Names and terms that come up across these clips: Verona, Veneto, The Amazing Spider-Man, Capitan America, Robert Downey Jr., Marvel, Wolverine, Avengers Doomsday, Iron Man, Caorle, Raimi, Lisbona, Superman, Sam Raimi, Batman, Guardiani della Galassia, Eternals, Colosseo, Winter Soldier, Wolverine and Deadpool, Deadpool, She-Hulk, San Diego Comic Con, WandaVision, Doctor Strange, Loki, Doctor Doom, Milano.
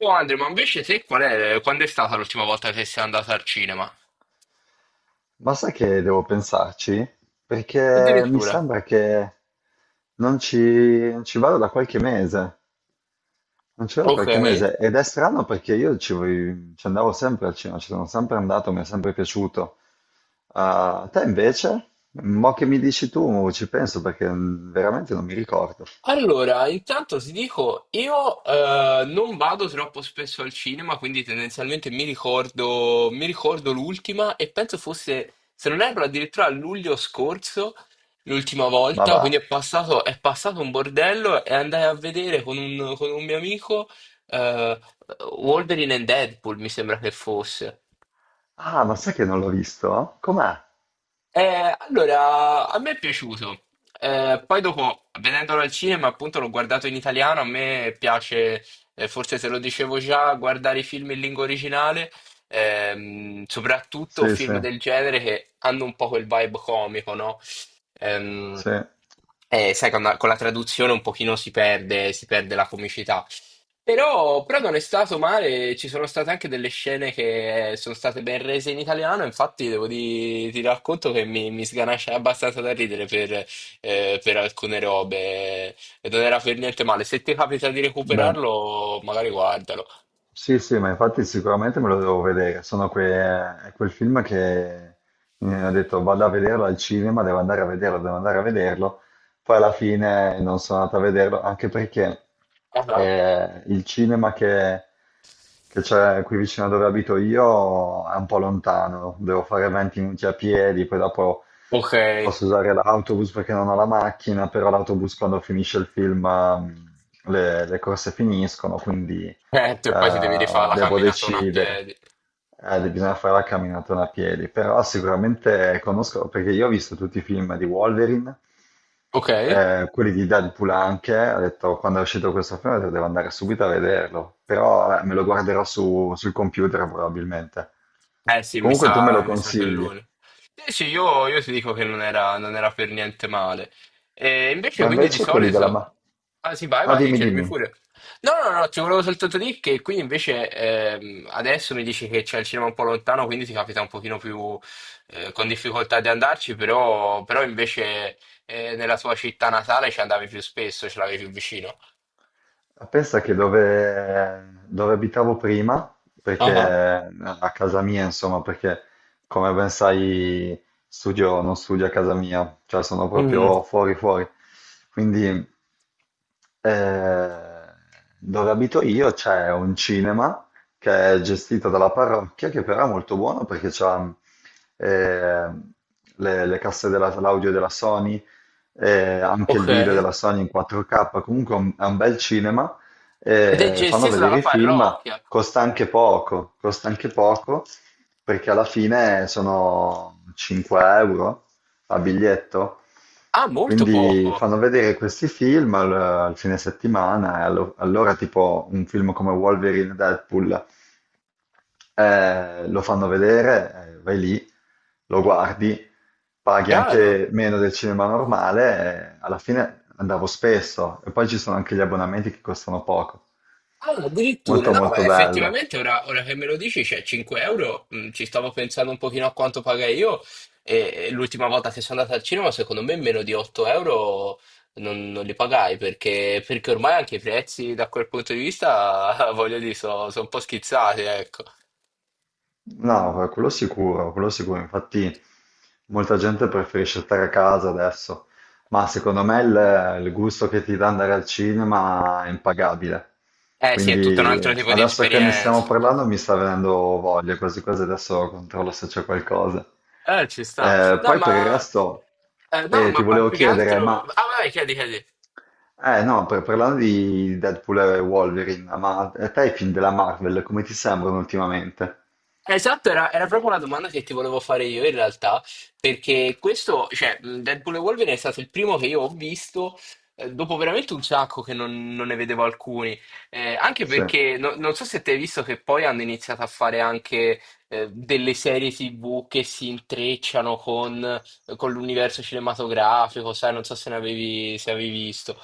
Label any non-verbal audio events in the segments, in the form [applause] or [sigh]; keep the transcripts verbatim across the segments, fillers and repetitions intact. Oh Andre, ma invece te qual è, quando è stata l'ultima volta che sei andata al cinema? Ma sai che devo pensarci? Perché mi Addirittura. sembra che non ci, non ci vado da qualche mese, non ci vado da Ok. qualche mese ed è strano perché io ci, voi- ci andavo sempre al cinema, ci sono sempre andato, mi è sempre piaciuto. A te invece? Mo che mi dici tu, ci penso perché mm, veramente non mi ricordo. Allora, intanto ti dico, io eh, non vado troppo spesso al cinema, quindi tendenzialmente mi ricordo, mi ricordo l'ultima e penso fosse, se non erro, addirittura a luglio scorso, l'ultima Ma volta, va. quindi è passato, è passato un bordello e andai a vedere con un, con un mio amico eh, Wolverine and Deadpool, mi sembra che fosse. Ah, ma sai che non l'ho visto? Com'è? Eh, allora, a me è piaciuto. Eh, poi dopo, vedendolo al cinema, appunto, l'ho guardato in italiano. A me piace, eh, forse te lo dicevo già, guardare i film in lingua originale, ehm, soprattutto Sì, sì, film del genere che hanno un po' quel vibe comico, no? Ehm, sì. eh, sai, con la, con la traduzione un pochino si perde, si perde la comicità. Però, però non è stato male, ci sono state anche delle scene che sono state ben rese in italiano, infatti devo di, ti racconto che mi, mi sganascia abbastanza da ridere per, eh, per alcune robe e non era per niente male. Se ti capita di Beh, recuperarlo, magari guardalo. sì, sì, ma infatti sicuramente me lo devo vedere. Sono que- è quel film che mi ho detto vado a vederlo al cinema, devo andare a vederlo, devo andare a vederlo. Poi alla fine non sono andato a vederlo, anche perché Ah, ah. eh, il cinema che, che c'è qui vicino a dove abito io è un po' lontano, devo fare venti minuti a piedi, poi dopo Ok. Eh, posso usare l'autobus perché non ho la macchina, però l'autobus quando finisce il film ehm, le, le corse finiscono, quindi eh, e poi ti devi rifare la devo camminatona a decidere. piedi. Eh, bisogna fare la camminata a piedi, però sicuramente conosco, perché io ho visto tutti i film di Wolverine, Ok. eh, quelli di Deadpool anche, ho detto quando è uscito questo film ho detto, devo andare subito a vederlo, però vabbè, me lo guarderò su- sul computer probabilmente. Eh sì, mi Comunque tu me sa, lo mi sa che è consigli, lui. Eh sì, io, io ti dico che non era, non era per niente male. E invece ma quindi di invece quelli della... solito... Ma... Ah sì, vai, Ah, vai, dimmi, chiedimi dimmi. pure. No, no, no, ti volevo soltanto dire che qui invece ehm, adesso mi dici che c'è il cinema un po' lontano, quindi ti capita un pochino più eh, con difficoltà di andarci, però, però invece eh, nella tua città natale ci andavi più spesso, ce l'avevi più vicino. Ah, pensa che dove, dove abitavo prima, perché Ah, eh, ah. a casa mia, insomma, perché come ben sai, studio, non studio a casa mia, cioè sono Mm, proprio fuori fuori. Quindi eh, dove abito io c'è un cinema che è gestito dalla parrocchia, che però è molto buono perché c'ha eh, le, le casse della- l'audio della Sony, eh, anche il ok. video Ed della Sony in quattro K, comunque è un, è un bel cinema, è eh, fanno gestito vedere dalla i film, parrocchia. costa anche poco, costa anche poco, perché alla fine sono cinque euro a biglietto, Ah, molto quindi poco. fanno vedere questi film al, al fine settimana, e allo- allora tipo un film come Wolverine e Deadpool eh, lo fanno vedere, eh, vai lì, lo guardi, paghi Chiaro. anche meno del cinema normale, eh, alla fine andavo spesso e poi ci sono anche gli abbonamenti che costano poco. Ah, addirittura, Molto no, molto bello. effettivamente ora, ora che me lo dici, c'è cinque euro, mm, ci stavo pensando un pochino a quanto pagai io e, e l'ultima volta che sono andato al cinema, secondo me meno di otto euro non, non li pagai perché, perché ormai anche i prezzi da quel punto di vista, [laughs] voglio dire, sono un po' schizzati, ecco. No, eh, quello sicuro, quello sicuro. Infatti molta gente preferisce stare a casa adesso, ma secondo me il, il gusto che ti dà andare al cinema è impagabile. Eh sì, è tutto un Quindi altro tipo di adesso che ne stiamo esperienza. parlando mi sta venendo voglia, quasi quasi adesso controllo se c'è qualcosa. Eh, ci sta. Eh, No, poi per il ma, resto eh, no, eh, ti ma pa- volevo più che chiedere, altro... ma... Ah, vai, chiedi, chiedi. Eh no, per- parlando di Deadpool e Wolverine, ma a te i film della Marvel come ti sembrano ultimamente? Esatto, era, era proprio una domanda che ti volevo fare io in realtà, perché questo, cioè, mh, Deadpool e Wolverine è stato il primo che io ho visto, eh, dopo veramente un sacco che non, non ne vedevo alcuni. Eh, anche Sì. perché no- non so se te hai visto che poi hanno iniziato a fare anche eh, delle serie T V che si intrecciano con, con l'universo cinematografico, sai, non so se ne avevi, se avevi visto.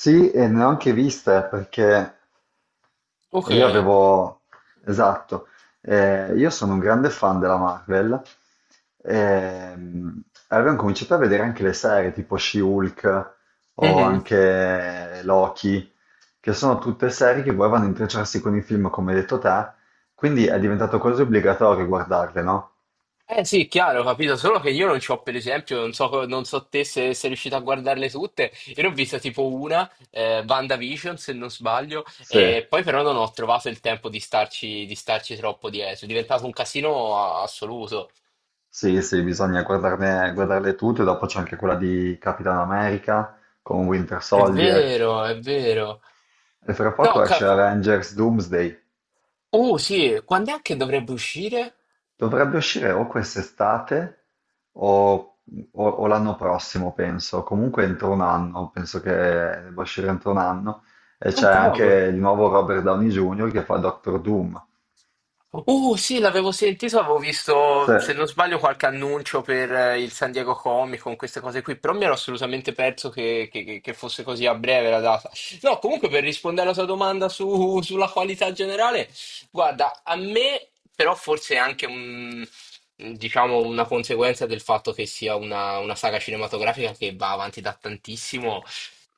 Sì, e ne ho anche viste perché Ok. io avevo, esatto, eh, io sono un grande fan della Marvel, ehm, e avevo cominciato a vedere anche le serie tipo She-Hulk o anche Loki, che sono tutte serie che poi vanno a intrecciarsi con i film, come hai detto te, quindi è diventato quasi obbligatorio guardarle, no? Eh sì, chiaro, ho capito, solo che io non ci ho, per esempio, non so, co- non so te se sei riuscito a guardarle tutte, io ne ho vista tipo una, eh, WandaVision se non sbaglio, Sì. e poi però non ho trovato il tempo di starci, di starci troppo dietro, è diventato un casino a- assoluto. Sì, sì, bisogna guardarne, guardarle tutte, dopo c'è anche quella di Capitan America con Winter È Soldier vero, è vero. e fra No, poco esce ca- Avengers Doomsday. uh sì, quando è che dovrebbe uscire? Dovrebbe uscire o quest'estate o, o- o l'anno prossimo, penso, comunque entro un anno, penso che debba uscire entro un anno e Ah, c'è anche cavolo. il nuovo Robert Downey junior che fa Doctor Doom. Uh, sì, l'avevo sentito, avevo Sì, visto, se non sbaglio, qualche annuncio per eh, il San Diego Comic Con, queste cose qui, però mi ero assolutamente perso che, che- che- che fosse così a breve la data. No, comunque per rispondere alla tua domanda su- sulla qualità generale, guarda, a me però forse è anche un, diciamo, una conseguenza del fatto che sia una, una saga cinematografica che va avanti da tantissimo.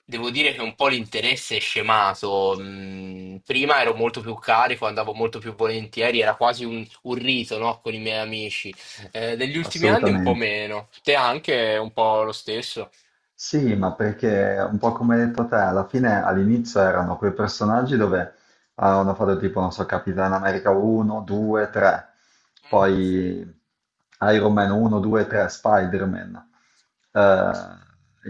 Devo dire che un po' l'interesse è scemato. Mm, prima ero molto più carico, andavo molto più volentieri, era quasi un, un rito, no? Con i miei amici. Eh, negli ultimi anni un po' assolutamente. meno. Te anche un po' lo stesso? Sì, ma perché un po' come hai detto te, alla fine all'inizio erano quei personaggi dove avevano fatto tipo, non so, Capitan America uno, due, tre, Mhm. poi Iron Man uno, due, tre, Spider-Man. Eh,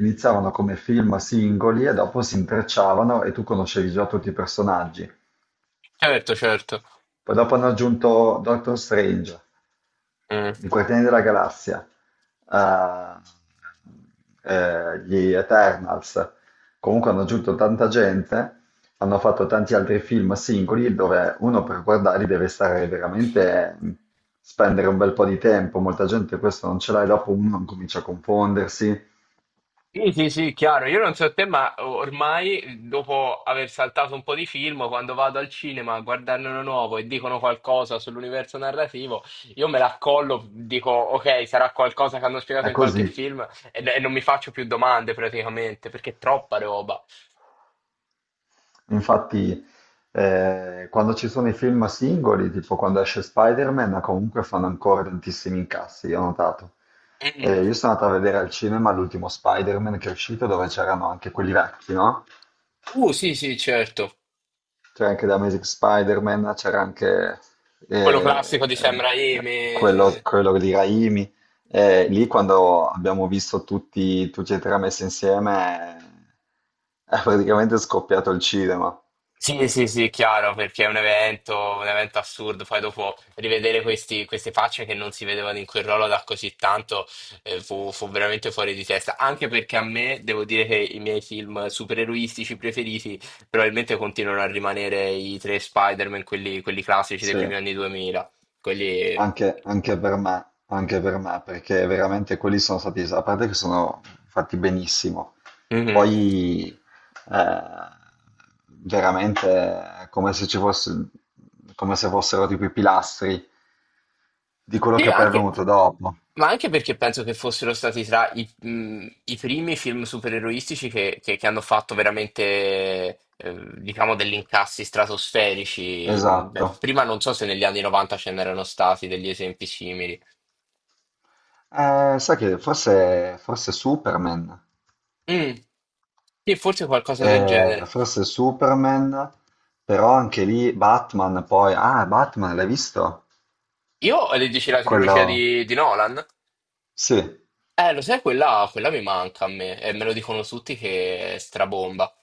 iniziavano come film singoli e dopo si intrecciavano e tu conoscevi già tutti i personaggi. Certo, certo. Poi dopo hanno aggiunto Doctor Strange, Mm. i Guardiani della Galassia, eh, eh, gli Eternals. Comunque hanno aggiunto tanta gente, hanno fatto tanti altri film singoli dove uno per guardarli deve stare veramente, mh, spendere un bel po' di tempo. Molta gente questo non ce l'ha e dopo uno comincia a confondersi. Sì, sì, sì, chiaro. Io non so te, ma ormai dopo aver saltato un po' di film, quando vado al cinema a guardarne uno nuovo e dicono qualcosa sull'universo narrativo, io me l'accollo, dico ok, sarà qualcosa che hanno spiegato È in qualche così. film e, e non mi faccio più domande praticamente, perché è troppa roba. Infatti, eh, quando ci sono i film singoli, tipo quando esce Spider-Man, comunque fanno ancora tantissimi incassi, io ho notato. Mm. Eh, io sono andato a vedere al cinema l'ultimo Spider-Man che è uscito, dove c'erano anche quelli vecchi, no? Uh, sì, sì, certo. C'era anche The Amazing Spider-Man, c'era anche Quello classico eh, di Sam quello, Raimi. quello di Raimi. Eh, lì quando abbiamo visto tutti, tutti e tre messi insieme, eh, è praticamente scoppiato il cinema. Sì, sì, sì, chiaro, perché è un evento, un evento assurdo. Poi dopo rivedere questi- queste facce che non si vedevano in quel ruolo da così tanto, eh, fu, fu veramente fuori di testa. Anche perché a me, devo dire che i miei film supereroistici preferiti probabilmente continuano a rimanere i tre Spider-Man, quelli, quelli classici dei Sì. primi anni duemila. Quelli... Anche, anche per me, anche per me, perché veramente quelli sono stati, a parte che sono fatti benissimo, Mhm. poi eh, veramente è come se ci fosse, come se fossero tipo i pilastri di quello Sì, che poi è anche, venuto dopo. ma anche perché penso che fossero stati tra i, mh, i primi film supereroistici che, che- che hanno fatto veramente, eh, diciamo, degli incassi stratosferici. Mh, beh, Esatto. prima non so se negli anni novanta ce n'erano stati degli esempi simili. Eh, sai che forse, forse Superman, Mm, sì, forse qualcosa del eh, genere. forse Superman, però anche lì Batman, poi, ah, Batman, l'hai visto? Io, eh, dici la trilogia Quello, di, di Nolan? sì. Eh, lo sai, quella, quella mi manca a me, e me lo dicono tutti che è strabomba.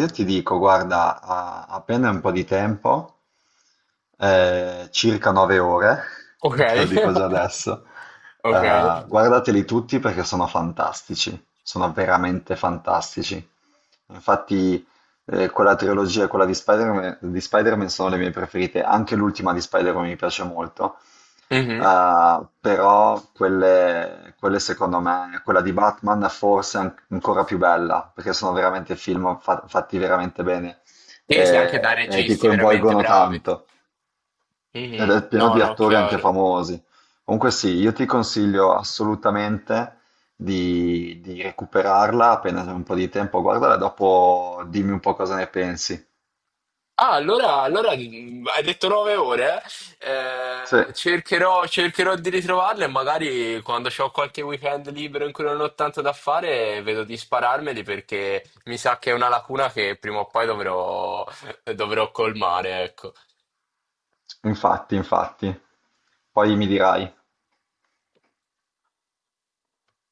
Io ti dico, guarda, a- appena un po' di tempo, eh, circa nove ore, Ok. [laughs] te lo dico già [laughs] adesso, Ok. eh, guardateli tutti perché sono fantastici, sono veramente fantastici. Infatti, eh, quella trilogia e quella di Spider-Man di Spider-Man sono le mie preferite, anche l'ultima di Spider-Man mi piace molto. Mhm. Uh, però quelle, quelle secondo me, quella di Batman forse è an- ancora più bella, perché sono veramente film fa- fatti veramente bene Sì, sì, anche da e, e ti registi veramente coinvolgono bravi. tanto Mhm. ed è pieno No, di no, attori anche chiaro. famosi. Comunque sì, io ti consiglio assolutamente di, di recuperarla appena c'è un po' di tempo, guardala e dopo dimmi un po' cosa ne pensi. Ah, allora, allora mh, hai detto nove ore, eh? Sì, Eh, cercherò, cercherò di ritrovarle e magari quando ho qualche weekend libero in cui non ho tanto da fare, vedo di spararmeli perché mi sa che è una lacuna che prima o poi dovrò, dovrò colmare, ecco. infatti, infatti. Poi mi dirai.